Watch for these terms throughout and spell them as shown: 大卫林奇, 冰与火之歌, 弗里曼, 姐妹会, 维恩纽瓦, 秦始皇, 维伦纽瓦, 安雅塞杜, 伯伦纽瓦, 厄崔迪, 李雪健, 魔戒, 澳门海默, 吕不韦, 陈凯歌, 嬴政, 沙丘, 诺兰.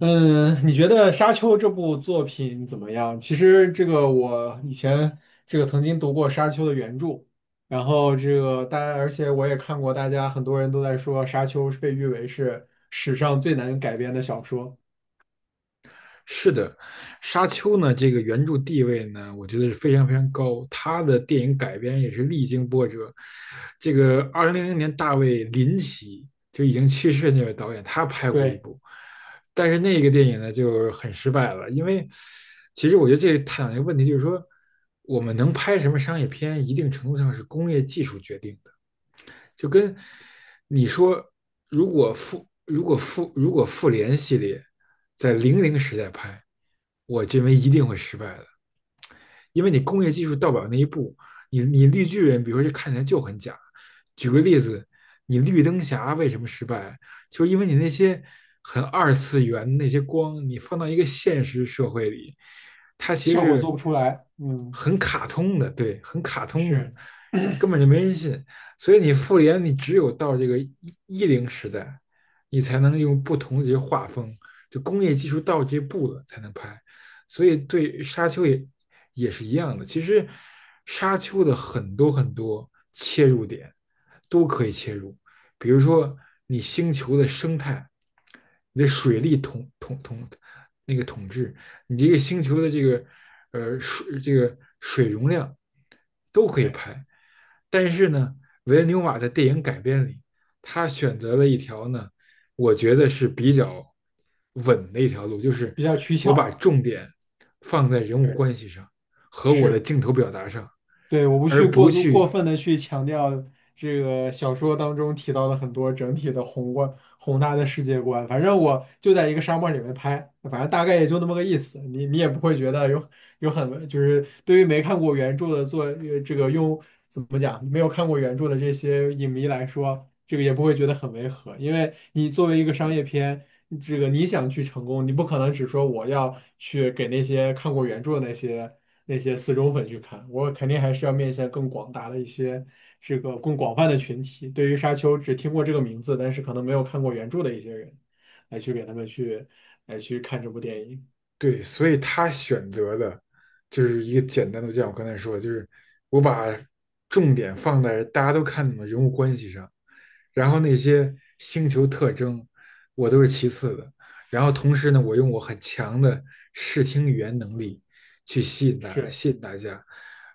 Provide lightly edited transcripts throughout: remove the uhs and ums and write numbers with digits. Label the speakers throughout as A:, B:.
A: 嗯，你觉得《沙丘》这部作品怎么样？其实我以前曾经读过《沙丘》的原著，然后这个大家，而且我也看过，大家很多人都在说《沙丘》是被誉为是史上最难改编的小说。
B: 是的，《沙丘》呢，这个原著地位呢，我觉得是非常非常高。他的电影改编也是历经波折。这个2000年，大卫林奇就已经去世的那位导演，他拍过一
A: 对。
B: 部，但是那个电影呢就很失败了。因为其实我觉得这探讨一个问题，就是说我们能拍什么商业片，一定程度上是工业技术决定的。就跟你说，如果复联系列在零零时代拍，我认为一定会失败的。因为你工业技术到不了那一步，你绿巨人，比如说这看起来就很假。举个例子，你绿灯侠为什么失败？就是因为你那些很二次元那些光，你放到一个现实社会里，它其实
A: 效果做
B: 是
A: 不出来。嗯。
B: 很卡通的，对，很卡通的，
A: 是。
B: 根本就没人信。所以你复联，你只有到这个一零时代，你才能用不同的这些画风，就工业技术到这步了才能拍。所以对沙丘也是一样的。其实沙丘的很多很多切入点都可以切入，比如说你星球的生态，你的水利统治，你这个星球的这个水容量都可以
A: 对。
B: 拍。但是呢，维恩纽瓦在电影改编里，他选择了一条呢我觉得是比较稳的一条路，就是
A: 比较取
B: 我把
A: 巧。
B: 重点放在人物
A: 对。
B: 关系上和我的
A: 是。
B: 镜头表达上，
A: 对，我不去
B: 而
A: 过
B: 不
A: 度过
B: 去。
A: 分的去强调这个小说当中提到的很多整体的宏观宏大的世界观，反正我就在一个沙漠里面拍，反正大概也就那么个意思，你也不会觉得有很就是对于没看过原著的做这个用怎么讲，没有看过原著的这些影迷来说，这个也不会觉得很违和，因为你作为一个商业片。这个你想去成功，你不可能只说我要去给那些看过原著的那些，那些死忠粉去看，我肯定还是要面向更广大的一些，这个更广泛的群体。对于《沙丘》只听过这个名字，但是可能没有看过原著的一些人，来去给他们去来去看这部电影。
B: 对，所以他选择的就是一个简单的，就像我刚才说的，就是我把重点放在大家都看懂的人物关系上，然后那些星球特征我都是其次的，然后同时呢，我用我很强的视听语言能力去吸引大
A: 是。
B: 吸引大家。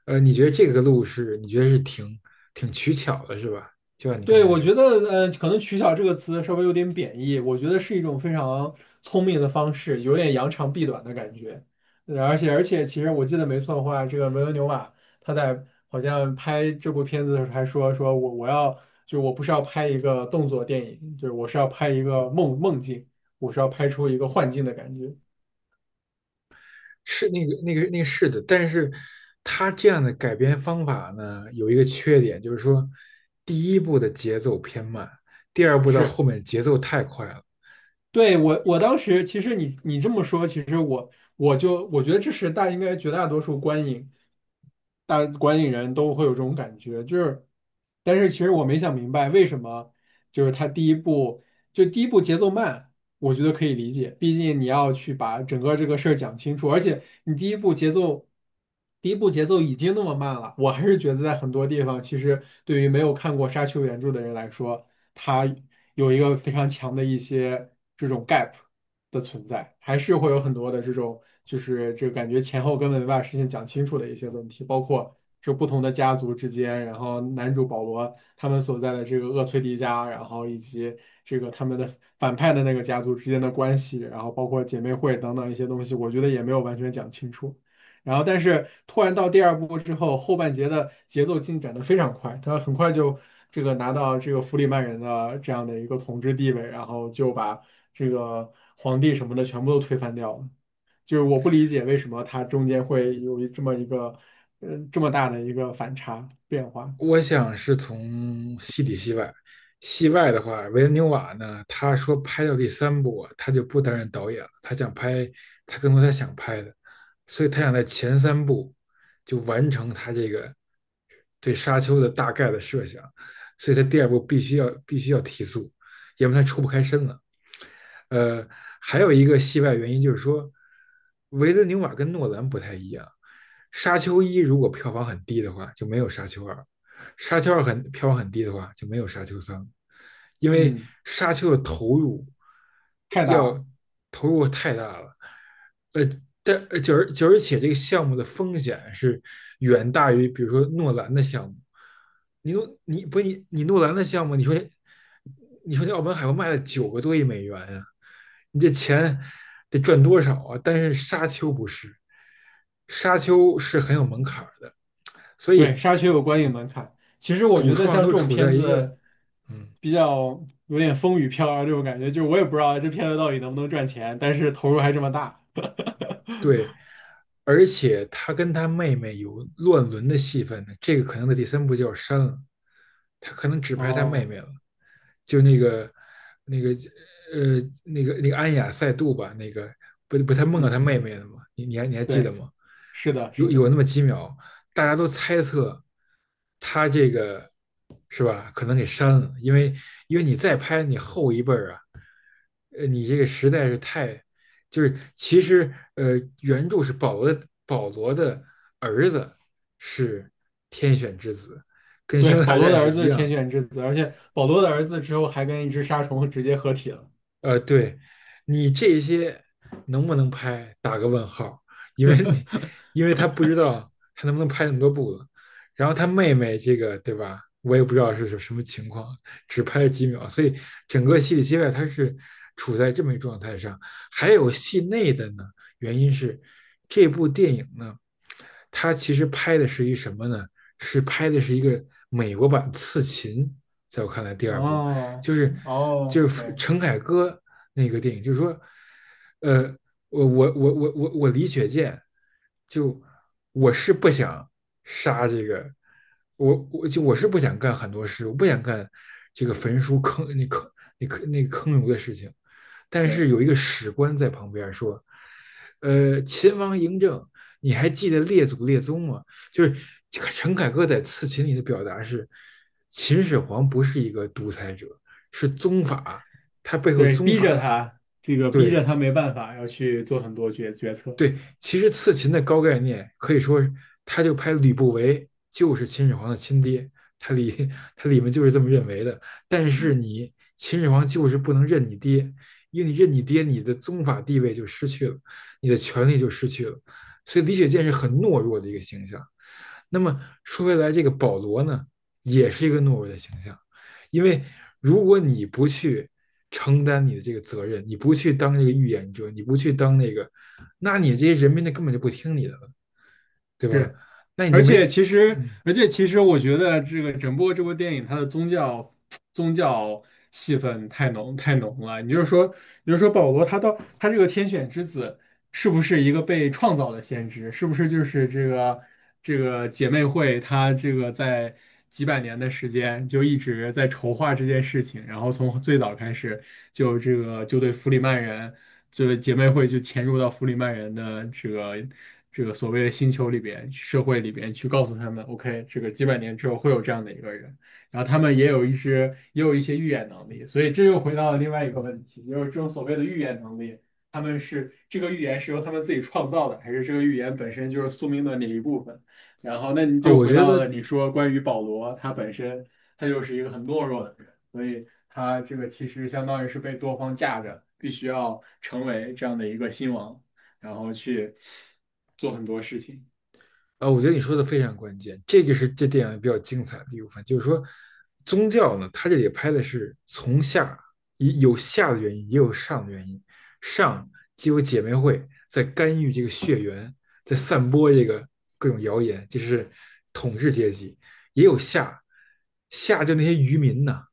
B: 你觉得这个路是你觉得是挺取巧的，是吧？就像你刚
A: 对，
B: 才
A: 我
B: 说。
A: 觉得，可能"取巧"这个词稍微有点贬义，我觉得是一种非常聪明的方式，有点扬长避短的感觉。而且,其实我记得没错的话，这个维伦纽瓦他在好像拍这部片子的时候还说，说我要就我不是要拍一个动作电影，就是我是要拍一个梦境，我是要拍出一个幻境的感觉。
B: 是的，但是他这样的改编方法呢，有一个缺点，就是说第一部的节奏偏慢，第二部到后
A: 是。
B: 面节奏太快了。
A: 对，我当时其实你这么说，其实我觉得这是大应该绝大多数观影大观影人都会有这种感觉，就是，但是其实我没想明白为什么，就是他第一部就第一部节奏慢，我觉得可以理解，毕竟你要去把整个这个事儿讲清楚，而且你第一步节奏，第一步节奏已经那么慢了，我还是觉得在很多地方，其实对于没有看过沙丘原著的人来说，它有一个非常强的一些这种 gap 的存在，还是会有很多的这种就是这个感觉前后根本没把事情讲清楚的一些问题，包括，就不同的家族之间，然后男主保罗他们所在的这个厄崔迪家，然后以及这个他们的反派的那个家族之间的关系，然后包括姐妹会等等一些东西，我觉得也没有完全讲清楚。然后，但是突然到第二部之后，后半节的节奏进展的非常快，他很快就这个拿到这个弗里曼人的这样的一个统治地位，然后就把这个皇帝什么的全部都推翻掉了。就是我不理解为什么它中间会有一这么一个，这么大的一个反差变化。
B: 我想是从戏里戏外，戏外的话，维伦纽瓦呢，他说拍到第三部啊他就不担任导演了，他更多他想拍的，所以他想在前三部就完成他这个对沙丘的大概的设想，所以他第二部必须要提速，要不然他抽不开身了。呃，还有一个戏外原因就是说，维伦纽瓦跟诺兰不太一样，沙丘一如果票房很低的话，就没有沙丘二。沙丘二很票房很低的话，就没有沙丘三，因为
A: 嗯。
B: 沙丘的投入
A: 太大
B: 要
A: 了。
B: 投入太大了。呃，但而且这个项目的风险是远大于，比如说诺兰的项目。你不是你诺兰的项目，你说那澳门海默卖了9亿多美元呀，你这钱得赚多少啊？但是沙丘不是，沙丘是很有门槛的，所
A: 对，
B: 以
A: 《沙丘》有观影门槛。其实我
B: 主
A: 觉得
B: 创
A: 像这
B: 都
A: 种
B: 处
A: 片
B: 在一个
A: 子，
B: 嗯
A: 比较有点风雨飘摇这种感觉，就是我也不知道这片子到底能不能赚钱，但是投入还这么大。
B: 对，而且他跟他妹妹有乱伦的戏份呢，这个可能在第三部就要删了，他可能只拍他妹
A: 哦。
B: 妹了，就那个那个安雅塞杜吧，那个不不他梦到他
A: 嗯。
B: 妹妹了吗？你还记得
A: 对。
B: 吗？
A: 是的，
B: 有
A: 是的。
B: 有那么几秒，大家都猜测他这个是吧？可能给删了，因为你再拍你后一辈儿啊，你这个实在是太就是其实呃，原著是保罗的儿子是天选之子，跟《星
A: 对，
B: 球
A: 保
B: 大
A: 罗
B: 战》
A: 的
B: 是
A: 儿子
B: 一
A: 是天
B: 样，
A: 选之子，而且保罗的儿子之后还跟一只沙虫直接合体了。
B: 对，你这些能不能拍，打个问号，因为你，因为他不知道他能不能拍那么多部了。然后他妹妹这个，对吧？我也不知道是什么情况，只拍了几秒，所以整个戏里戏外他是处在这么一状态上。还有戏内的呢，原因是这部电影呢，它其实拍的是一什么呢？是拍的是一个美国版《刺秦》，在我看来第二部。
A: 哦。
B: 就是
A: 哦
B: 就是
A: ，OK。
B: 陈凯歌那个电影，就是说，呃，我李雪健，就我是不想杀这个，我是不想干很多事，我不想干这个焚书坑儒的事情，但是
A: 对。
B: 有一个史官在旁边说，秦王嬴政。你还记得列祖列宗吗？就是陈凯歌在《刺秦》里的表达是，秦始皇不是一个独裁者，是宗法，它背后
A: 对，
B: 宗
A: 逼着
B: 法，
A: 他，这个逼
B: 对
A: 着他没办法，要去做很多决策。
B: 对，其实刺秦的高概念可以说，他就拍吕不韦就是秦始皇的亲爹，他里他里面就是这么认为的。但是你秦始皇就是不能认你爹，因为你认你爹，你的宗法地位就失去了，你的权力就失去了，所以李雪健是很懦弱的一个形象。那么说回来，这个保罗呢，也是一个懦弱的形象，因为如果你不去承担你的这个责任，你不去当这个预言者，你不去当那个，那你这些人民就根本就不听你的了，对吧？
A: 是，
B: 那你就没，嗯，
A: 而且其实，我觉得这个整部这部电影，它的宗教戏份太浓太浓了。你就是说，你就说保罗他到他这个天选之子，是不是一个被创造的先知？是不是就是这个姐妹会，他这个在几百年的时间就一直在筹划这件事情，然后从最早开始就这个就对弗里曼人。这个姐妹会就潜入到弗里曼人的这个所谓的星球里边、社会里边去告诉他们，OK,这个几百年之后会有这样的一个人，然后他们也有一些预言能力，所以这又回到了另外一个问题，就是这种所谓的预言能力，他们是这个预言是由他们自己创造的，还是这个预言本身就是宿命论的一部分？然后那你
B: 啊、哦
A: 就
B: 我
A: 回
B: 觉
A: 到
B: 得
A: 了你说关于保罗他本身，他就是一个很懦弱的人。所以他这个其实相当于是被多方架着，必须要成为这样的一个新王，然后去做很多事情。
B: 我觉得你说的非常关键，这个是这电影比较精彩的一部分，就是说宗教呢，它这里拍的是从下也有下的原因，也有上的原因，上既有姐妹会在干预这个血缘，在散播这个各种谣言，这是统治阶级，也有下就那些渔民呐、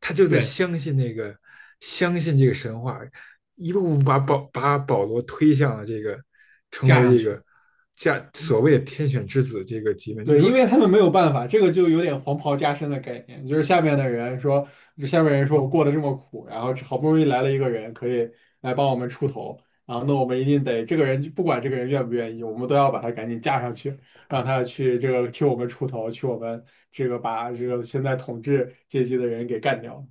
B: 他就在
A: 对，
B: 相信那个，相信这个神话，一步步把保罗推向了这个成
A: 架
B: 为
A: 上
B: 这
A: 去。
B: 个加所
A: 嗯，
B: 谓的天选之子这个级别。就是
A: 对，因
B: 说，
A: 为他们没有办法，这个就有点黄袍加身的概念，就是下面的人说，就下面人说我过得这么苦，然后好不容易来了一个人可以来帮我们出头，然后那我们一定得这个人不管这个人愿不愿意，我们都要把他赶紧架上去，让他去这个替我们出头，去我们这个把这个现在统治阶级的人给干掉。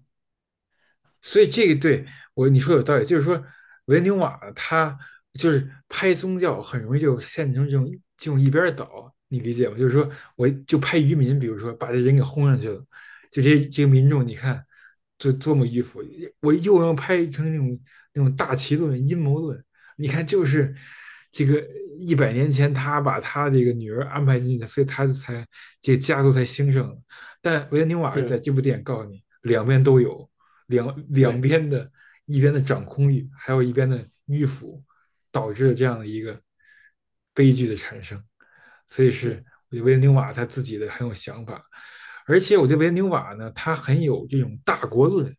B: 所以对，你说有道理，就是说维纽瓦他就是拍宗教很容易就陷成这种一边倒，你理解吗？就是说我就拍渔民，比如说把这人给轰上去了，就这个民众你看就多么迂腐，我又要拍成那种大旗论、阴谋论，你看就是这个100年前他把他这个女儿安排进去的，所以他才这个家族才兴盛了。但维纽瓦在
A: 是。
B: 这部电影告诉你，两边都有。两
A: 对。
B: 边的一边的掌控欲，还有一边的迂腐，导致了这样的一个悲剧的产生。所以是
A: 是。
B: 我觉得维恩纽瓦他自己的很有想法，而且我觉得维恩纽瓦呢，他很有这种大国论，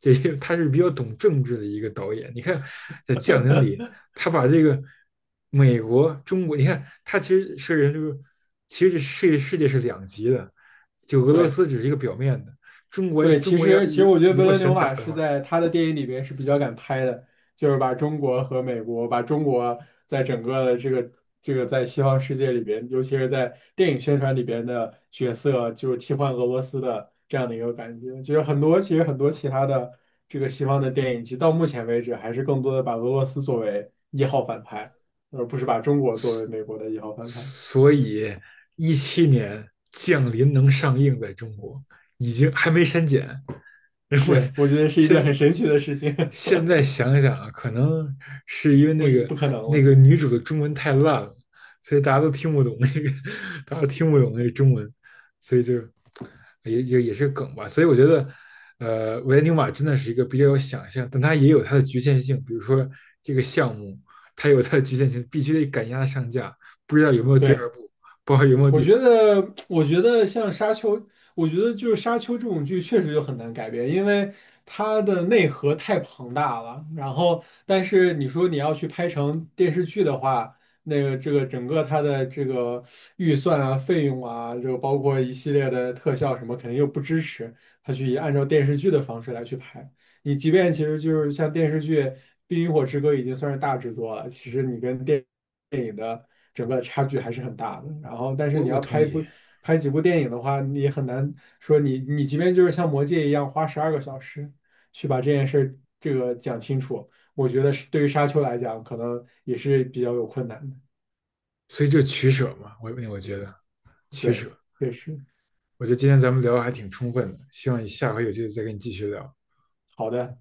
B: 这他是比较懂政治的一个导演。你看在《匠人》里，他把这个美国、中国，你看他其实是人就是其实世界是两极的，就俄罗
A: 对。
B: 斯只是一个表面的，中国
A: 对，
B: 中国要
A: 其实
B: 如
A: 我觉得
B: 如
A: 伯
B: 果
A: 伦纽
B: 选打
A: 瓦
B: 的
A: 是
B: 话，
A: 在他的电影里边是比较敢拍的，就是把中国和美国，把中国在整个的这个在西方世界里边，尤其是在电影宣传里边的角色，就是替换俄罗斯的这样的一个感觉。就是很多其他的这个西方的电影，其实到目前为止还是更多的把俄罗斯作为一号反派，而不是把中国作为美国的一号反派。
B: 所以2017年《降临》能上映在中国，已经还没删减。然后
A: 是，我觉得是一
B: 现
A: 件很
B: 在
A: 神奇的事情。
B: 现在想想啊，可能是因为 那个
A: 不可能
B: 那
A: 了。
B: 个女主的中文太烂了，所以大家都听不懂那个，大家都听不懂那个中文，所以就也是梗吧。所以我觉得，维恩纽瓦真的是一个比较有想象，但它也有它的局限性。比如说这个项目，它有它的局限性，必须得赶鸭子上架。不知道有没有第二
A: 对。
B: 部，不知道有没有第三。
A: 我觉得像《沙丘》，我觉得就是《沙丘》这种剧确实就很难改编，因为它的内核太庞大了。然后，但是你说你要去拍成电视剧的话，那个这个整个它的这个预算啊、费用啊，就包括一系列的特效什么，肯定又不支持它去按照电视剧的方式来去拍。你即便其实就是像电视剧《冰与火之歌》已经算是大制作了，其实你跟电影的整个差距还是很大的。然后，但是
B: 我
A: 你
B: 我
A: 要
B: 同意，
A: 拍几部电影的话，你也很难说你即便就是像《魔戒》一样花12个小时去把这件事儿这个讲清楚，我觉得是对于沙丘来讲，可能也是比较有困难的。
B: 所以就取舍嘛，我觉得取
A: 对，
B: 舍。
A: 确实。
B: 我觉得今天咱们聊的还挺充分的，希望你下回有机会再跟你继续聊。
A: 好的。